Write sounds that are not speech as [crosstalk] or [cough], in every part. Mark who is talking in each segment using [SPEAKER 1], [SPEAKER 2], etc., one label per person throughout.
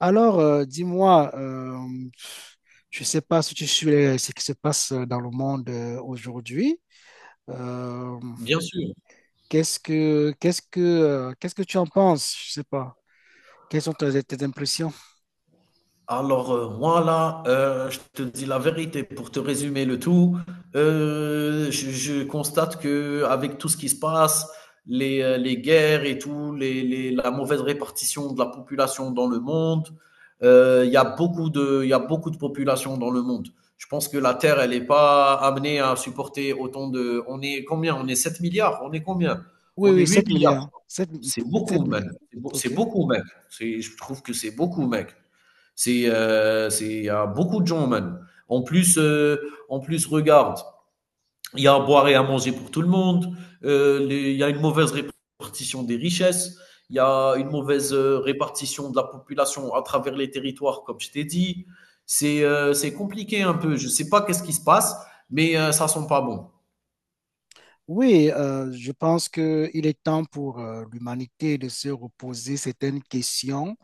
[SPEAKER 1] Alors, dis-moi, je ne sais pas si tu suis ce qui se passe dans le monde aujourd'hui. Euh,
[SPEAKER 2] Bien sûr.
[SPEAKER 1] Qu'est-ce que tu en penses? Je ne sais pas. Quelles sont tes impressions?
[SPEAKER 2] Alors, moi, là, je te dis la vérité pour te résumer le tout. Je constate que avec tout ce qui se passe, les guerres et tout, la mauvaise répartition de la population dans le monde, il y a beaucoup de, il y a beaucoup de population dans le monde. Je pense que la Terre, elle n'est pas amenée à supporter autant de. On est combien? On est 7 milliards? On est combien?
[SPEAKER 1] Oui,
[SPEAKER 2] On est
[SPEAKER 1] oui,
[SPEAKER 2] 8
[SPEAKER 1] 7
[SPEAKER 2] milliards.
[SPEAKER 1] milliards.
[SPEAKER 2] C'est
[SPEAKER 1] Sept
[SPEAKER 2] beaucoup, mec.
[SPEAKER 1] milliards.
[SPEAKER 2] C'est beau-
[SPEAKER 1] OK.
[SPEAKER 2] c'est beaucoup, mec. Je trouve que c'est beaucoup, mec. C'est il y a beaucoup de gens man. En plus regarde, il y a à boire et à manger pour tout le monde. Il y a une mauvaise répartition des richesses. Il y a une mauvaise répartition de la population à travers les territoires, comme je t'ai dit. C'est compliqué un peu. Je sais pas qu'est-ce qui se passe, mais ça sent pas bon.
[SPEAKER 1] Oui, je pense qu'il est temps pour l'humanité de se reposer certaines questions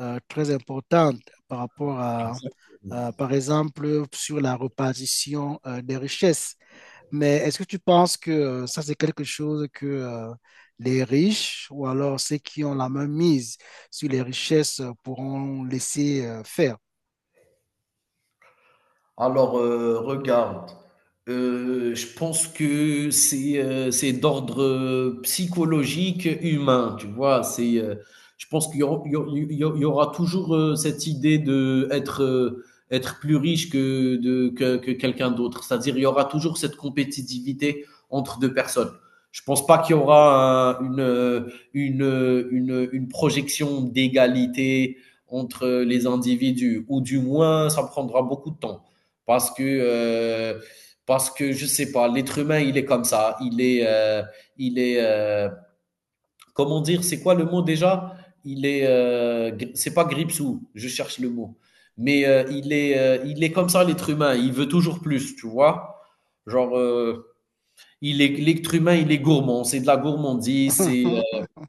[SPEAKER 1] très importante par rapport à,
[SPEAKER 2] Exactement.
[SPEAKER 1] par exemple, sur la répartition des richesses. Mais est-ce que tu penses que ça, c'est quelque chose que les riches ou alors ceux qui ont la main mise sur les richesses pourront laisser faire?
[SPEAKER 2] Alors, regarde, je pense que c'est d'ordre, psychologique, humain, tu vois? Je pense qu'il y aura il y au il y au il y aura toujours, cette idée d'être, être plus riche que de que quelqu'un d'autre. C'est-à-dire, il y aura toujours cette compétitivité entre 2 personnes. Je pense pas qu'il y aura un une projection d'égalité entre les individus ou du moins ça prendra beaucoup de temps. Parce que, euh, parce que je ne sais pas, l'être humain, il est comme ça. Il est, euh, Comment dire, c'est quoi le mot déjà? C'est pas gripsou, je cherche le mot. Mais il est comme ça, l'être humain. Il veut toujours plus, tu vois? Genre, l'être humain, il est gourmand. C'est de la gourmandise.
[SPEAKER 1] [laughs]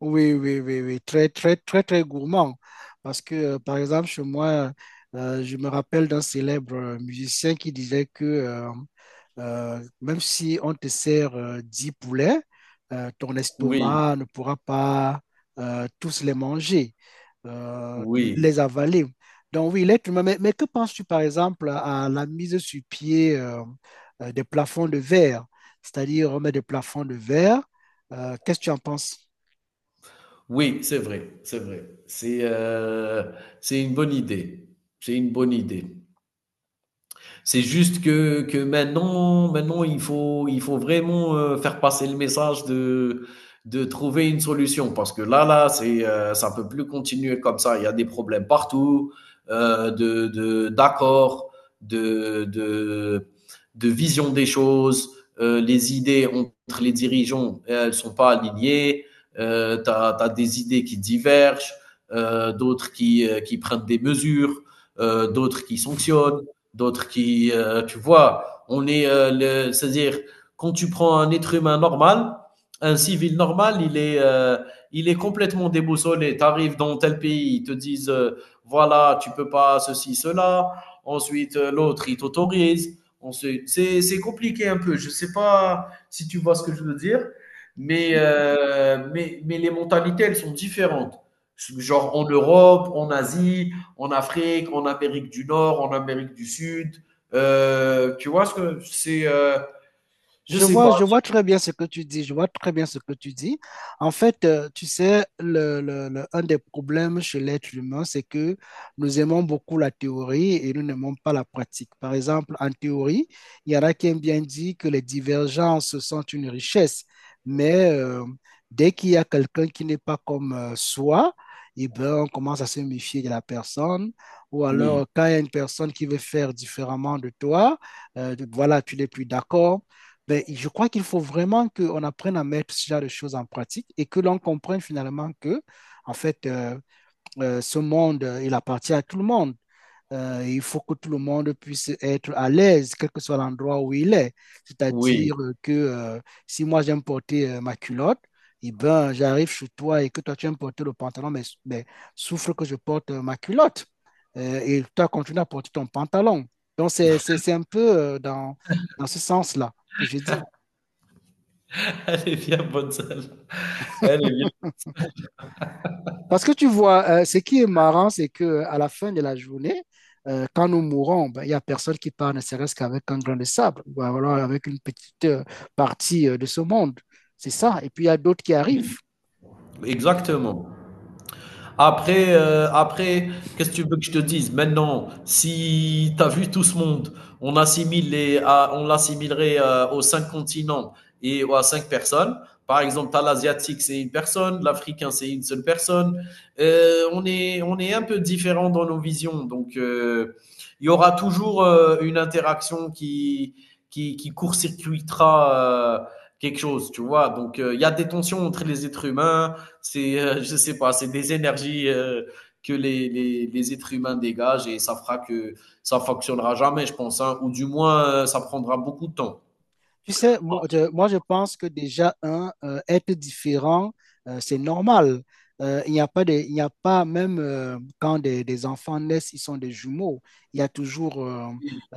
[SPEAKER 1] Oui, oui, oui, oui, très, très, très, très gourmand. Parce que, par exemple, chez moi, je me rappelle d'un célèbre musicien qui disait que même si on te sert 10 poulets, ton
[SPEAKER 2] Oui,
[SPEAKER 1] estomac ne pourra pas tous les manger, euh,
[SPEAKER 2] oui,
[SPEAKER 1] les avaler. Donc oui, l'être humain, mais que penses-tu par exemple à la mise sur pied des plafonds de verre? C'est-à-dire on met des plafonds de verre. Qu'est-ce que tu en penses?
[SPEAKER 2] oui, c'est vrai, c'est vrai. C'est une bonne idée. C'est une bonne idée. C'est juste que maintenant il faut vraiment faire passer le message de trouver une solution parce que là, là, ça ne peut plus continuer comme ça. Il y a des problèmes partout, d'accord, de, de, de vision des choses. Les idées entre les dirigeants, elles ne sont pas alignées. Tu as, des idées qui divergent, d'autres qui prennent des mesures, d'autres qui sanctionnent d'autres tu vois, on est, c'est-à-dire, quand tu prends un être humain normal, un civil normal, il est complètement déboussolé. Tu arrives dans tel pays, ils te disent, voilà, tu peux pas ceci, cela. Ensuite, l'autre, il t'autorise. Ensuite, c'est compliqué un peu. Je sais pas si tu vois ce que je veux dire, mais les mentalités, elles sont différentes. Genre en Europe, en Asie, en Afrique, en Amérique du Nord, en Amérique du Sud. Tu vois ce que c'est je sais pas.
[SPEAKER 1] Je vois très bien ce que tu dis, je vois très bien ce que tu dis. En fait, tu sais, un des problèmes chez l'être humain, c'est que nous aimons beaucoup la théorie et nous n'aimons pas la pratique. Par exemple, en théorie, il y en a qui aiment bien dire que les divergences sont une richesse, mais dès qu'il y a quelqu'un qui n'est pas comme soi, eh ben, on commence à se méfier de la personne. Ou
[SPEAKER 2] Oui,
[SPEAKER 1] alors, quand il y a une personne qui veut faire différemment de toi, voilà, tu n'es plus d'accord. Ben, je crois qu'il faut vraiment qu'on apprenne à mettre ce genre de choses en pratique et que l'on comprenne finalement que, en fait, ce monde, il appartient à tout le monde. Il faut que tout le monde puisse être à l'aise, quel que soit l'endroit où il est.
[SPEAKER 2] oui.
[SPEAKER 1] C'est-à-dire que si moi j'aime porter ma culotte, eh ben, j'arrive chez toi et que toi tu aimes porter le pantalon, mais souffre que je porte ma culotte. Et toi continue à porter ton pantalon. Donc c'est un peu dans ce sens-là que je dis.
[SPEAKER 2] [laughs] Elle est bien bonne celle. Elle est bien.
[SPEAKER 1] Parce que tu vois, ce qui est marrant, c'est que à la fin de la journée, quand nous mourons, ben, il n'y a personne qui part, ne serait-ce qu'avec un grain de sable, ou alors avec une petite partie de ce monde. C'est ça. Et puis, il y a d'autres qui arrivent.
[SPEAKER 2] Oui, exactement. Après, qu'est-ce que tu veux que je te dise? Maintenant, si tu as vu tout ce monde, on assimile les, à- on l'assimilerait aux cinq continents et à cinq personnes. Par exemple, t'as l'asiatique, c'est une personne, l'africain, c'est une seule personne. On est un peu différent dans nos visions, donc il y aura toujours une interaction qui court-circuitera quelque chose, tu vois. Donc, il y a des tensions entre les êtres humains. Je sais pas, c'est des énergies que les êtres humains dégagent et ça fera que ça fonctionnera jamais, je pense, hein, ou du moins ça prendra beaucoup de temps.
[SPEAKER 1] Tu sais, je pense que déjà, un, être différent, c'est normal. Il n'y a pas de, il n'y a pas, même quand des enfants naissent, ils sont des jumeaux. Il y a toujours euh,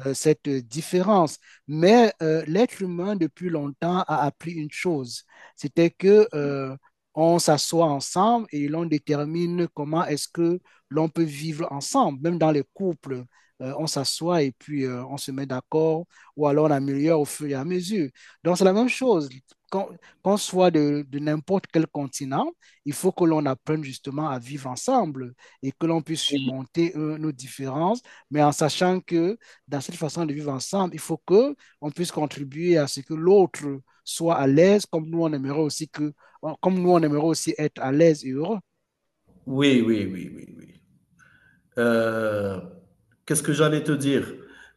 [SPEAKER 1] euh, cette différence. Mais l'être humain, depuis longtemps, a appris une chose. C'était que on s'assoit ensemble et l'on détermine comment est-ce que l'on peut vivre ensemble, même dans les couples. On s'assoit et puis on se met d'accord ou alors on améliore au fur et à mesure. Donc, c'est la même chose. Qu'on qu'on soit de n'importe quel continent, il faut que l'on apprenne justement à vivre ensemble et que l'on puisse
[SPEAKER 2] Oui,
[SPEAKER 1] surmonter nos différences, mais en sachant que dans cette façon de vivre ensemble, il faut que on puisse contribuer à ce que l'autre soit à l'aise, comme nous on aimerait aussi être à l'aise et heureux.
[SPEAKER 2] oui, oui, oui, oui, oui. Oui. Euh, Qu'est-ce que j'allais te dire?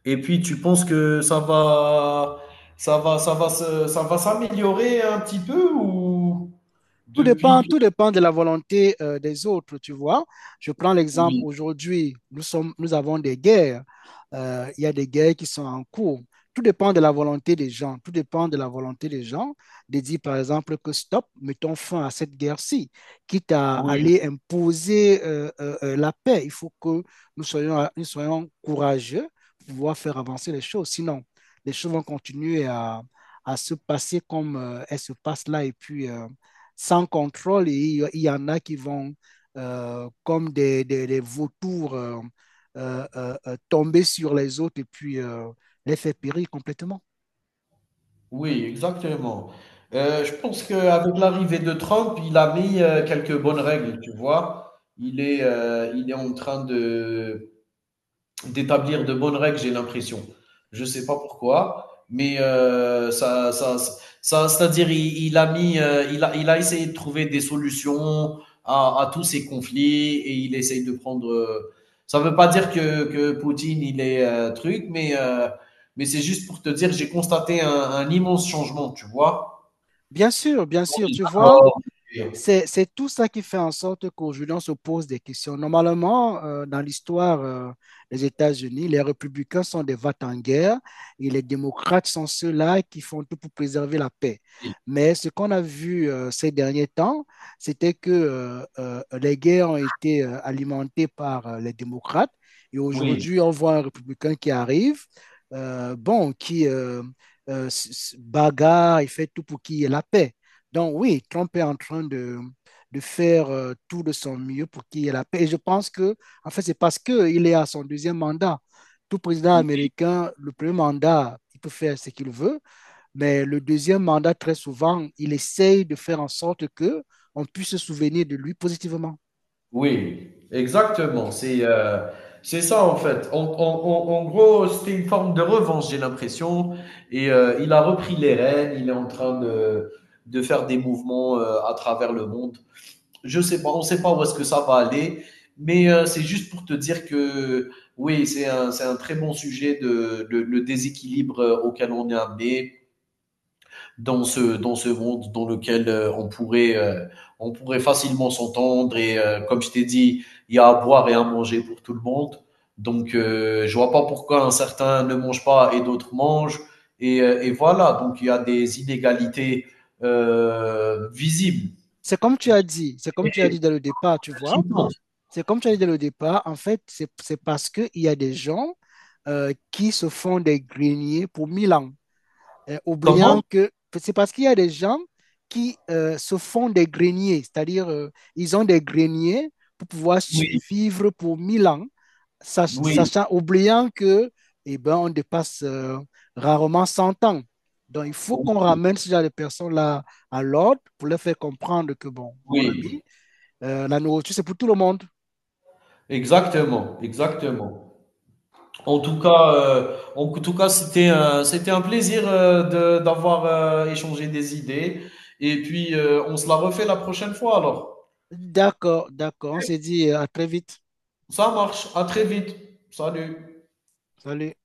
[SPEAKER 2] Et puis, tu penses que ça va s'améliorer un petit peu ou depuis que...
[SPEAKER 1] Tout dépend de la volonté des autres, tu vois. Je prends l'exemple
[SPEAKER 2] Oui,
[SPEAKER 1] aujourd'hui, nous avons des guerres. Il y a des guerres qui sont en cours. Tout dépend de la volonté des gens. Tout dépend de la volonté des gens de dire, par exemple, que stop, mettons fin à cette guerre-ci, quitte à
[SPEAKER 2] oui.
[SPEAKER 1] aller imposer la paix. Il faut que nous soyons courageux pour pouvoir faire avancer les choses. Sinon, les choses vont continuer à se passer comme elles se passent là et puis sans contrôle et y en a qui vont comme des vautours tomber sur les autres et puis les faire périr complètement.
[SPEAKER 2] Oui, exactement. Je pense qu'avec l'arrivée de Trump, il a mis quelques bonnes règles, tu vois. Il est en train d'établir de bonnes règles, j'ai l'impression. Je sais pas pourquoi, mais c'est-à-dire il a mis, il a essayé de trouver des solutions à tous ces conflits et il essaye de prendre. Ça veut pas dire que Poutine il est truc, mais c'est juste pour te dire, j'ai constaté un immense changement, tu vois.
[SPEAKER 1] Bien
[SPEAKER 2] Dans
[SPEAKER 1] sûr,
[SPEAKER 2] les
[SPEAKER 1] tu vois.
[SPEAKER 2] accords. Et-
[SPEAKER 1] C'est tout ça qui fait en sorte qu'aujourd'hui, on se pose des questions. Normalement, dans l'histoire des États-Unis, les républicains sont des vats en guerre et les démocrates sont ceux-là qui font tout pour préserver la paix.
[SPEAKER 2] et-
[SPEAKER 1] Mais ce qu'on a vu ces derniers temps, c'était que les guerres ont été alimentées par les démocrates et
[SPEAKER 2] oui.
[SPEAKER 1] aujourd'hui, on voit un républicain qui arrive, bon, qui bagarre, il fait tout pour qu'il y ait la paix. Donc oui, Trump est en train de faire tout de son mieux pour qu'il y ait la paix. Et je pense que, en fait, c'est parce qu'il est à son deuxième mandat. Tout président
[SPEAKER 2] Oui.
[SPEAKER 1] américain, le premier mandat, il peut faire ce qu'il veut, mais le deuxième mandat, très souvent, il essaye de faire en sorte que on puisse se souvenir de lui positivement.
[SPEAKER 2] Oui, exactement. C'est ça en fait. En gros, c'était une forme de revanche, j'ai l'impression. Et il a repris les rênes. Il est en train de faire des mouvements à travers le monde. Je sais pas, on sait pas où est-ce que ça va aller, mais c'est juste pour te dire que oui, c'est un très bon sujet le déséquilibre auquel on est amené dans ce monde dans lequel on pourrait facilement s'entendre et comme je t'ai dit, il y a à boire et à manger pour tout le monde. Donc je vois pas pourquoi un certain ne mange pas et d'autres mangent et voilà, donc il y a des inégalités visibles
[SPEAKER 1] C'est comme tu as dit, c'est comme
[SPEAKER 2] et
[SPEAKER 1] tu as dit dès le départ, tu vois.
[SPEAKER 2] pertinentes.
[SPEAKER 1] C'est comme tu as dit dès le départ, en fait, c'est parce qu'il y a des gens qui se font des greniers pour 1 000 ans.
[SPEAKER 2] Comment?
[SPEAKER 1] Oubliant que c'est parce qu'il y a des gens qui se font des greniers, c'est-à-dire ils ont des greniers pour pouvoir
[SPEAKER 2] Oui,
[SPEAKER 1] survivre pour 1 000 ans,
[SPEAKER 2] oui,
[SPEAKER 1] sachant, oubliant que eh ben, on dépasse rarement 100 ans. Donc il faut
[SPEAKER 2] oui,
[SPEAKER 1] qu'on ramène ce genre de personnes-là à l'ordre pour leur faire comprendre que, bon, mon
[SPEAKER 2] oui.
[SPEAKER 1] ami, la nourriture, c'est pour tout le monde.
[SPEAKER 2] Exactement, exactement. En tout cas, c'était un plaisir d'avoir échangé des idées. Et puis, on se la refait la prochaine fois alors.
[SPEAKER 1] D'accord, d'accord, on s'est dit à très vite.
[SPEAKER 2] Ça marche. À très vite. Salut.
[SPEAKER 1] Salut.